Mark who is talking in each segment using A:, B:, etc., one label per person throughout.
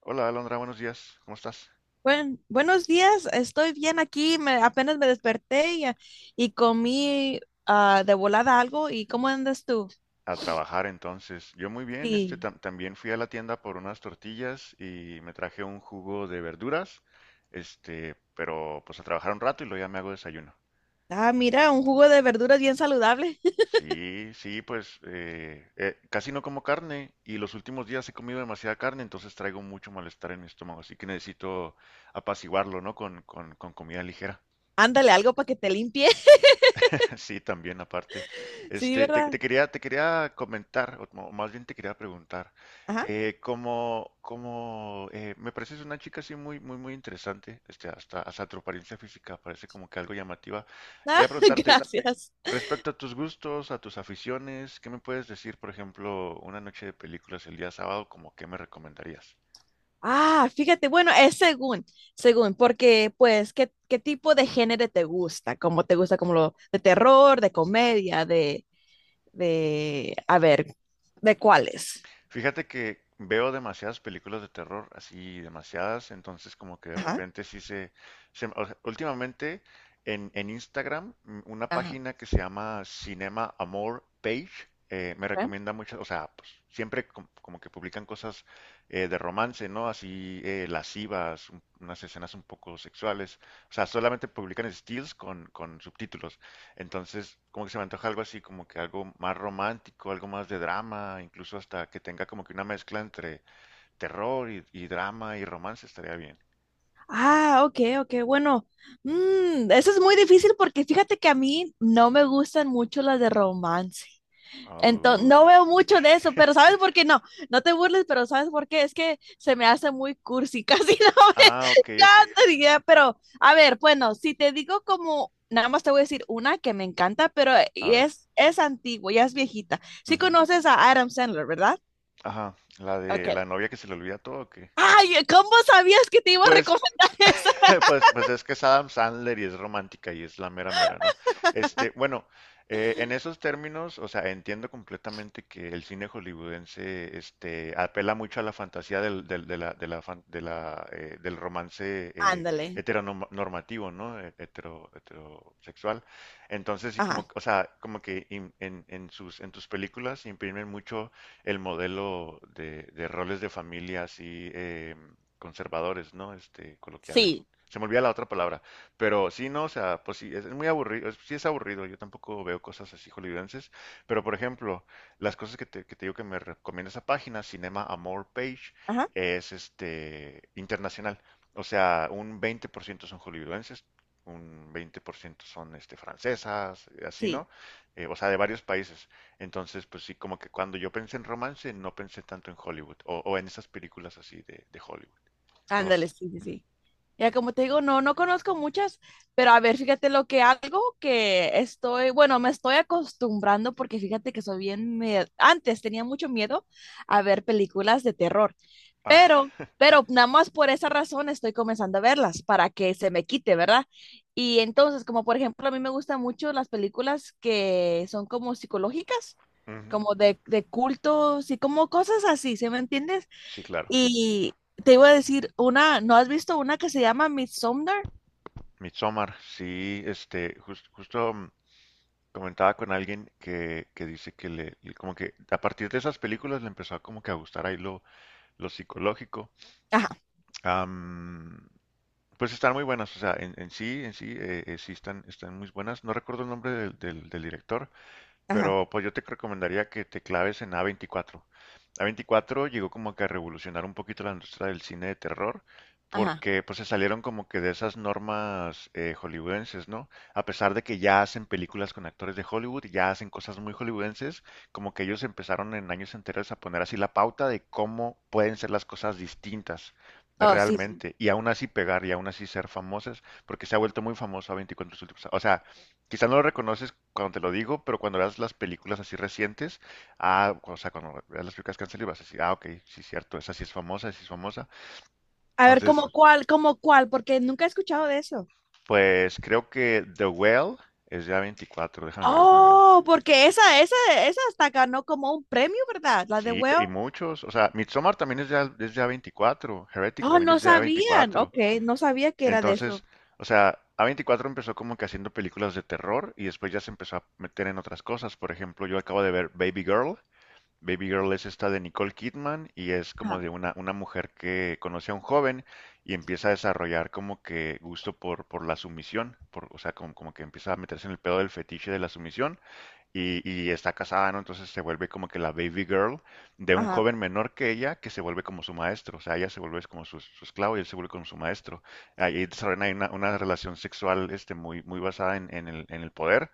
A: Hola Alondra, buenos días. ¿Cómo estás?
B: Buenos días, estoy bien aquí, apenas me desperté y comí de volada algo. ¿Y cómo andas tú?
A: A trabajar entonces. Yo muy bien,
B: Sí.
A: también fui a la tienda por unas tortillas y me traje un jugo de verduras, pero pues a trabajar un rato y luego ya me hago desayuno.
B: Ah, mira, un jugo de verduras bien saludable.
A: Sí, sí, pues casi no como carne y los últimos días he comido demasiada carne, entonces traigo mucho malestar en mi estómago, así que necesito apaciguarlo, ¿no? Con comida ligera.
B: Ándale, algo para que te limpie.
A: Sí, también aparte.
B: Sí, ¿verdad?
A: Te quería comentar, más bien te quería preguntar,
B: Ajá.
A: como, como me pareces una chica así muy, muy, muy interesante, hasta tu apariencia física parece como que algo llamativa.
B: Ah,
A: Quería preguntarte,
B: gracias.
A: respecto a tus gustos, a tus aficiones, ¿qué me puedes decir, por ejemplo, una noche de películas el día sábado, como qué me recomendarías?
B: Ah, fíjate, bueno, es según, porque pues, ¿ qué tipo de género te gusta? ¿Cómo te gusta? ¿Como lo de terror, de comedia, a ver, ¿de cuáles?
A: Fíjate que veo demasiadas películas de terror, así demasiadas, entonces como que de
B: Ajá.
A: repente o sea, últimamente en Instagram, una
B: Ajá.
A: página que se llama Cinema Amor Page, me
B: Ok.
A: recomienda muchas, o sea, pues siempre como que publican cosas de romance, ¿no? Así lascivas, unas escenas un poco sexuales, o sea, solamente publican stills con subtítulos. Entonces, como que se me antoja algo así, como que algo más romántico, algo más de drama, incluso hasta que tenga como que una mezcla entre terror y drama y romance estaría bien.
B: Ah, ok, bueno, eso es muy difícil porque fíjate que a mí no me gustan mucho las de romance.
A: Au.
B: Entonces, no veo mucho de eso, pero ¿sabes por qué no? No te burles, pero ¿sabes por qué? Es que se me hace muy cursi, casi no me
A: Ah, ok, ok.
B: encanta, diría, pero a ver, bueno, si te digo como, nada más te voy a decir una que me encanta, pero eh,
A: A
B: y
A: ver.
B: es antigua, ya es viejita. Sí
A: Ujú.
B: conoces a Adam Sandler, ¿verdad?
A: Ajá, la
B: Ok.
A: de la novia que se le olvida todo, ¿o qué?
B: Ay, ¿cómo sabías que te iba a
A: Pues
B: recomendar esa?
A: Pues es que es Adam Sandler y es romántica y es la mera mera, ¿no? Bueno, en esos términos, o sea, entiendo completamente que el cine hollywoodense, apela mucho a la fantasía del, del, de la del romance
B: Ándale.
A: heteronormativo, ¿no? Heterosexual. Entonces, sí,
B: Ajá.
A: como que en tus películas imprimen mucho el modelo de roles de familia así conservadores, ¿no? Coloquiales.
B: Sí,
A: Se me olvida la otra palabra. Pero sí, no, o sea, pues sí, es muy aburrido, sí es aburrido, yo tampoco veo cosas así hollywoodenses, pero por ejemplo, las cosas que te digo que me recomienda esa página, Cinema Amor Page,
B: ajá,
A: es internacional. O sea, un 20% son hollywoodenses, un 20% son francesas, así,
B: sí,
A: ¿no? O sea, de varios países. Entonces, pues sí, como que cuando yo pensé en romance, no pensé tanto en Hollywood, o en esas películas así de Hollywood.
B: ándale,
A: Ros.
B: sí, sí,
A: Ujú.
B: sí. Ya como te digo, no, no conozco muchas, pero a ver, fíjate lo que algo que estoy, bueno, me estoy acostumbrando porque fíjate que soy bien, antes tenía mucho miedo a ver películas de terror,
A: Ah.
B: pero, pero nada más por esa razón estoy comenzando a verlas para que se me quite, ¿verdad? Y entonces, como por ejemplo, a mí me gustan mucho las películas que son como psicológicas,
A: Ujú,
B: como de cultos y como cosas así, ¿se me entiendes?
A: sí, claro.
B: Y te iba a decir, una, ¿no has visto una que se llama Midsommar?
A: Midsommar, sí, justo comentaba con alguien que dice que como que a partir de esas películas le empezó a como que a gustar ahí lo psicológico.
B: Ajá,
A: Am, pues están muy buenas, o sea, en sí, sí están muy buenas. No recuerdo el nombre del director,
B: ajá,
A: pero pues yo te recomendaría que te claves en A24. A24 llegó como que a revolucionar un poquito la industria del cine de terror,
B: ajá.
A: porque pues se salieron como que de esas normas hollywoodenses, ¿no? A pesar de que ya hacen películas con actores de Hollywood, ya hacen cosas muy hollywoodenses, como que ellos empezaron en años enteros a poner así la pauta de cómo pueden ser las cosas distintas
B: Oh, sí, sí.
A: realmente, y aún así pegar y aún así ser famosas, porque se ha vuelto muy famoso A24 O sea, quizá no lo reconoces cuando te lo digo, pero cuando veas las películas así recientes, ah, o sea, cuando veas las películas que han salido, vas a decir, ah, ok, sí, cierto, esa sí es famosa, esa sí es famosa.
B: A ver,
A: Entonces,
B: ¿ cómo cuál? Porque nunca he escuchado de eso.
A: pues creo que The Well es ya 24, déjame ver.
B: Oh, porque esa hasta ganó como un premio, ¿verdad? La de
A: Sí, y
B: Well.
A: muchos, o sea, Midsommar también es ya 24, Heretic
B: Oh,
A: también
B: no
A: es ya
B: sabían.
A: 24.
B: Ok, no sabía que era de
A: Entonces,
B: eso.
A: o sea, A24 empezó como que haciendo películas de terror y después ya se empezó a meter en otras cosas. Por ejemplo, yo acabo de ver Baby Girl, Baby Girl es esta de Nicole Kidman y es como
B: Ajá,
A: de una mujer que conoce a un joven y empieza a desarrollar como que gusto por la sumisión, o sea, como que empieza a meterse en el pedo del fetiche de la sumisión y está casada, ¿no? Entonces se vuelve como que la baby girl de un
B: ajá.
A: joven menor que ella que se vuelve como su maestro. O sea, ella se vuelve como su esclavo y él se vuelve como su maestro. Ahí desarrollan ahí una relación sexual muy, muy basada en el poder.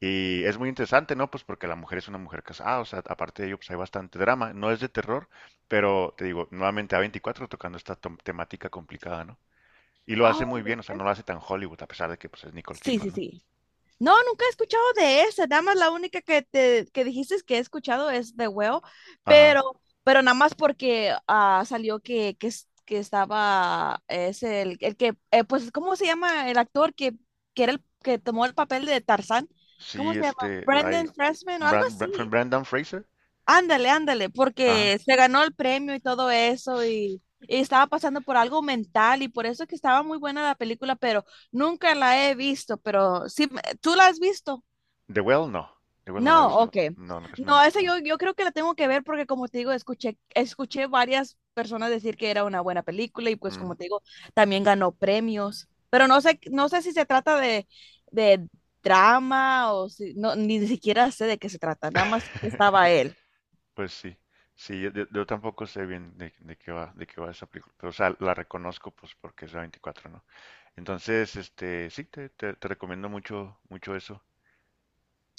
A: Y es muy interesante, ¿no? Pues porque la mujer es una mujer casada, o sea, aparte de ello, pues hay bastante drama. No es de terror, pero te digo, nuevamente A24 tocando esta temática complicada, ¿no? Y lo hace
B: Oh,
A: muy bien, o sea,
B: ok.
A: no lo hace tan Hollywood, a pesar de que pues es Nicole
B: Sí, sí,
A: Kidman, ¿no?
B: sí. No, nunca he escuchado de esa. Nada más la única que te que dijiste que he escuchado es de huevo,
A: Ajá.
B: pero nada más porque ah, salió que estaba, el que, pues, ¿cómo se llama el actor que era el que tomó el papel de Tarzán? ¿Cómo
A: Sí,
B: se llama?
A: hay
B: Brendan Freshman o algo así.
A: Brandon Fraser.
B: Ándale, ándale,
A: Ajá.
B: porque se ganó el premio y todo eso y estaba pasando por algo mental y por eso que estaba muy buena la película, pero nunca la he visto, pero sí, ¿tú la has visto?
A: The Well, no. The Well no la he
B: No,
A: visto.
B: ok.
A: No, no, casi no me ha
B: No,
A: tocado.
B: yo creo que la tengo que ver porque como te digo, escuché varias personas decir que era una buena película y pues
A: Ujú.
B: como te digo, también ganó premios. Pero no sé, no sé si se trata de drama o si, no, ni siquiera sé de qué se trata, nada más que estaba él.
A: Pues sí. Sí, yo tampoco sé bien de qué va, de qué va esa película. Pero, o sea, la reconozco pues porque es la 24, ¿no? Entonces, sí, te recomiendo mucho, mucho eso.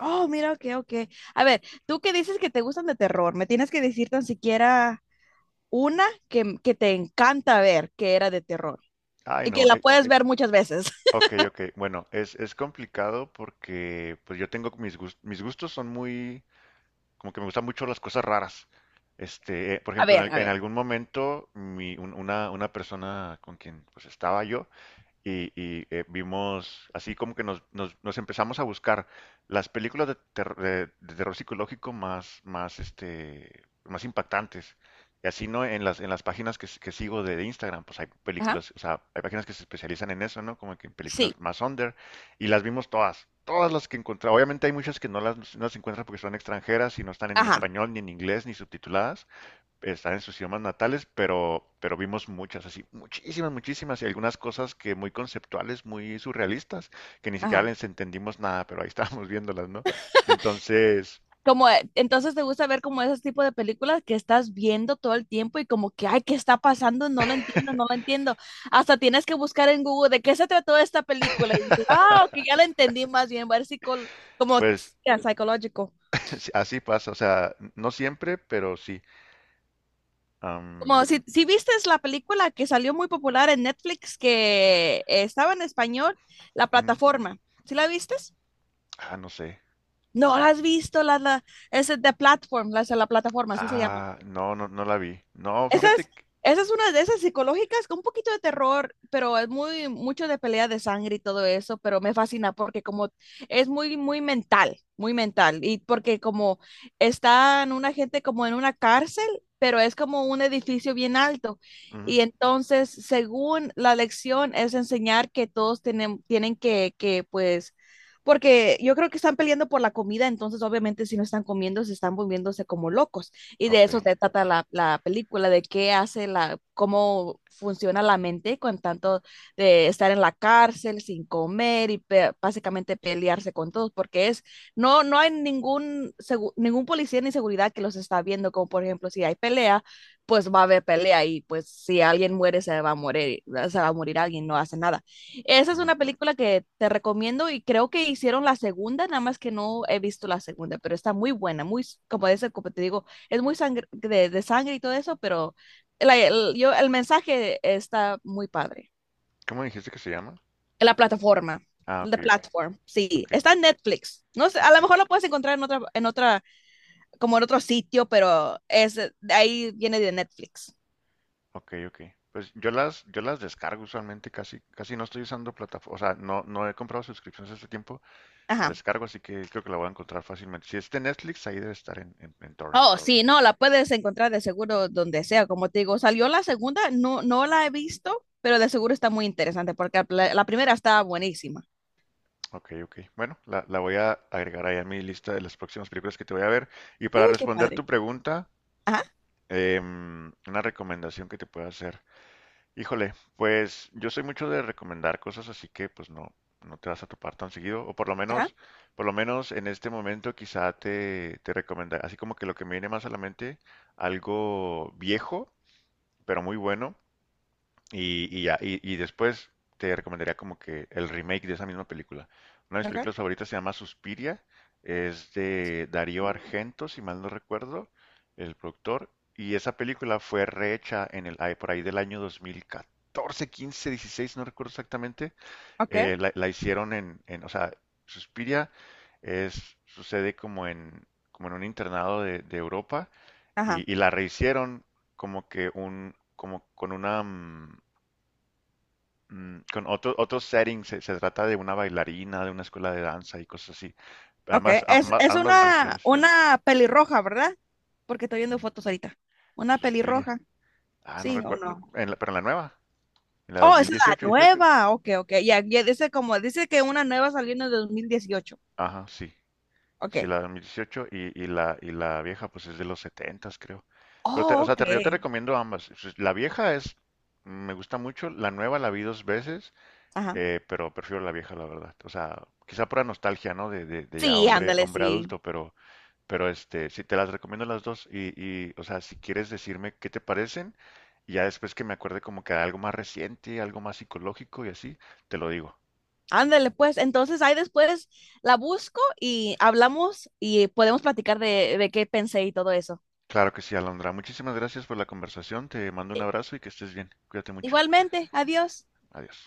B: Oh, mira, ok, ok. A ver, tú que dices que te gustan de terror, me tienes que decir tan siquiera una que te encanta ver que era de terror
A: Ay,
B: y que
A: no.
B: la puedes ver muchas veces.
A: Ok, ok. Bueno, es complicado porque pues yo tengo mis gustos son muy como que me gustan mucho las cosas raras. Por
B: A
A: ejemplo,
B: ver, a
A: en
B: ver.
A: algún momento, una persona con quien pues estaba yo, vimos, así como que nos empezamos a buscar las películas de terror psicológico más, más, más impactantes. Y así, ¿no? En las páginas que sigo de Instagram, pues hay
B: Ajá.
A: películas, o sea, hay páginas que se especializan en eso, ¿no? Como que en
B: Sí,
A: películas más under. Y las vimos todas, todas las que encontré. Obviamente hay muchas que no las encuentras porque son extranjeras y no están en
B: ajá.
A: español, ni en inglés, ni subtituladas están en sus idiomas natales, pero vimos muchas, así, muchísimas, muchísimas, y algunas cosas que muy conceptuales, muy surrealistas, que ni siquiera
B: Ajá.
A: les entendimos nada, pero ahí estábamos viéndolas, ¿no? Entonces,
B: Como, entonces te gusta ver como esos tipos de películas que estás viendo todo el tiempo y como que, ay, ¿qué está pasando? No lo entiendo, no lo entiendo. Hasta tienes que buscar en Google de qué se trató esta película y dices, ah, ok, ya la entendí más bien, va a ver como,
A: pues
B: yeah, psicológico.
A: así pasa, o sea, no siempre, pero sí.
B: Como
A: Am,
B: si viste la película que salió muy popular en Netflix que estaba en español, La
A: ujú.
B: Plataforma. ¿Sí la vistes?
A: Ah, no sé.
B: No, la has visto, es de Platform, la plataforma, así se llama.
A: Ah, no, no, no la vi. No,
B: Esa
A: fíjate
B: es,
A: que...
B: esa es una de esas psicológicas con un poquito de terror, pero es muy mucho de pelea de sangre y todo eso, pero me fascina porque como es muy mental, y porque como están una gente como en una cárcel, pero es como un edificio bien alto.
A: Ujú,
B: Y entonces, según la lección, es enseñar que tienen que, pues, porque yo creo que están peleando por la comida, entonces obviamente si no están comiendo, se están volviéndose como locos. Y de
A: ok.
B: eso se trata la película, de qué hace la, cómo funciona la mente con tanto de estar en la cárcel sin comer y básicamente pelearse con todos, porque es, no, no hay ningún policía ni seguridad que los está viendo, como por ejemplo si hay pelea, pues va a haber pelea y pues si alguien muere se va a morir, se va a morir alguien, no hace nada. Esa es
A: Ujú.
B: una película que te recomiendo y creo que hicieron la segunda, nada más que no he visto la segunda, pero está muy buena, muy, como dice, como te digo, es muy sangre, de sangre y todo eso, pero el mensaje está muy padre.
A: ¿Cómo dijiste que se llama?
B: La plataforma,
A: Ah, ok,
B: the
A: ok,
B: platform, sí,
A: ok,
B: está en Netflix. No sé, a
A: ok.
B: lo mejor lo puedes encontrar en como en otro sitio, pero es, de ahí viene de Netflix.
A: Ok, ok. Pues yo las descargo usualmente, casi, casi no estoy usando plataforma, o sea, no he comprado suscripciones este tiempo, la
B: Ajá.
A: descargo, así que creo que la voy a encontrar fácilmente. Si es de Netflix, ahí debe estar en
B: Oh,
A: Torrent.
B: ah, sí, no, la puedes encontrar de seguro donde sea. Como te digo, salió la segunda, no, no la he visto, pero de seguro está muy interesante porque la primera está buenísima.
A: Ok, ok. Bueno, la voy a agregar ahí a mi lista de las próximas películas que te voy a ver. Y para
B: Uy, qué
A: responder tu
B: padre.
A: pregunta,
B: Ajá,
A: una recomendación que te puedo hacer. Híjole, pues yo soy mucho de recomendar cosas, así que pues no te vas a topar tan seguido, o
B: ajá.
A: por lo menos en este momento quizá te recomendaré, así como que lo que me viene más a la mente, algo viejo, pero muy bueno. Y ya, y después te recomendaría como que el remake de esa misma película. Una de mis
B: Okay.
A: películas favoritas se llama Suspiria, es de Darío
B: Sí.
A: Argento, si mal no recuerdo, el productor, y esa película fue rehecha por ahí del año 2014, 15, 16, no recuerdo exactamente,
B: Ok,
A: la hicieron Suspiria sucede como en un internado de Europa,
B: ajá.
A: y la rehicieron como que como con una... con otro setting, se trata de una bailarina, de una escuela de danza y cosas así.
B: Ok,
A: Ambas, ambas,
B: es
A: ambas versiones.
B: una pelirroja, ¿verdad? Porque estoy viendo
A: Mm,
B: fotos ahorita. Una
A: Suspiria.
B: pelirroja,
A: Ah, no
B: sí o
A: recuerdo.
B: no.
A: Pero en la nueva, en la
B: Oh, es la... Sí, sí, sí,
A: 2018.
B: nueva. Ok, ok. Ya, ya dice como, dice que una nueva salió en el 2018.
A: Ajá, sí. Sí,
B: Ok.
A: la 2018 y la vieja, pues es de los 70, creo. Pero o
B: Oh,
A: sea, yo te
B: ok.
A: recomiendo ambas. Pues, la vieja me gusta mucho. La nueva la vi dos veces,
B: Ajá.
A: pero prefiero la vieja, la verdad. O sea, quizá por la nostalgia, ¿no? De ya hombre, hombre
B: Sí.
A: adulto, pero. Pero sí, te las recomiendo las dos o sea, si quieres decirme qué te parecen, y ya después que me acuerde como que algo más reciente, algo más psicológico y así, te lo digo.
B: Ándale, pues. Entonces ahí después la busco y hablamos y podemos platicar de qué pensé y todo eso.
A: Claro que sí, Alondra. Muchísimas gracias por la conversación. Te mando un
B: Eh,
A: abrazo y que estés bien. Cuídate mucho.
B: Igualmente, adiós.
A: Adiós.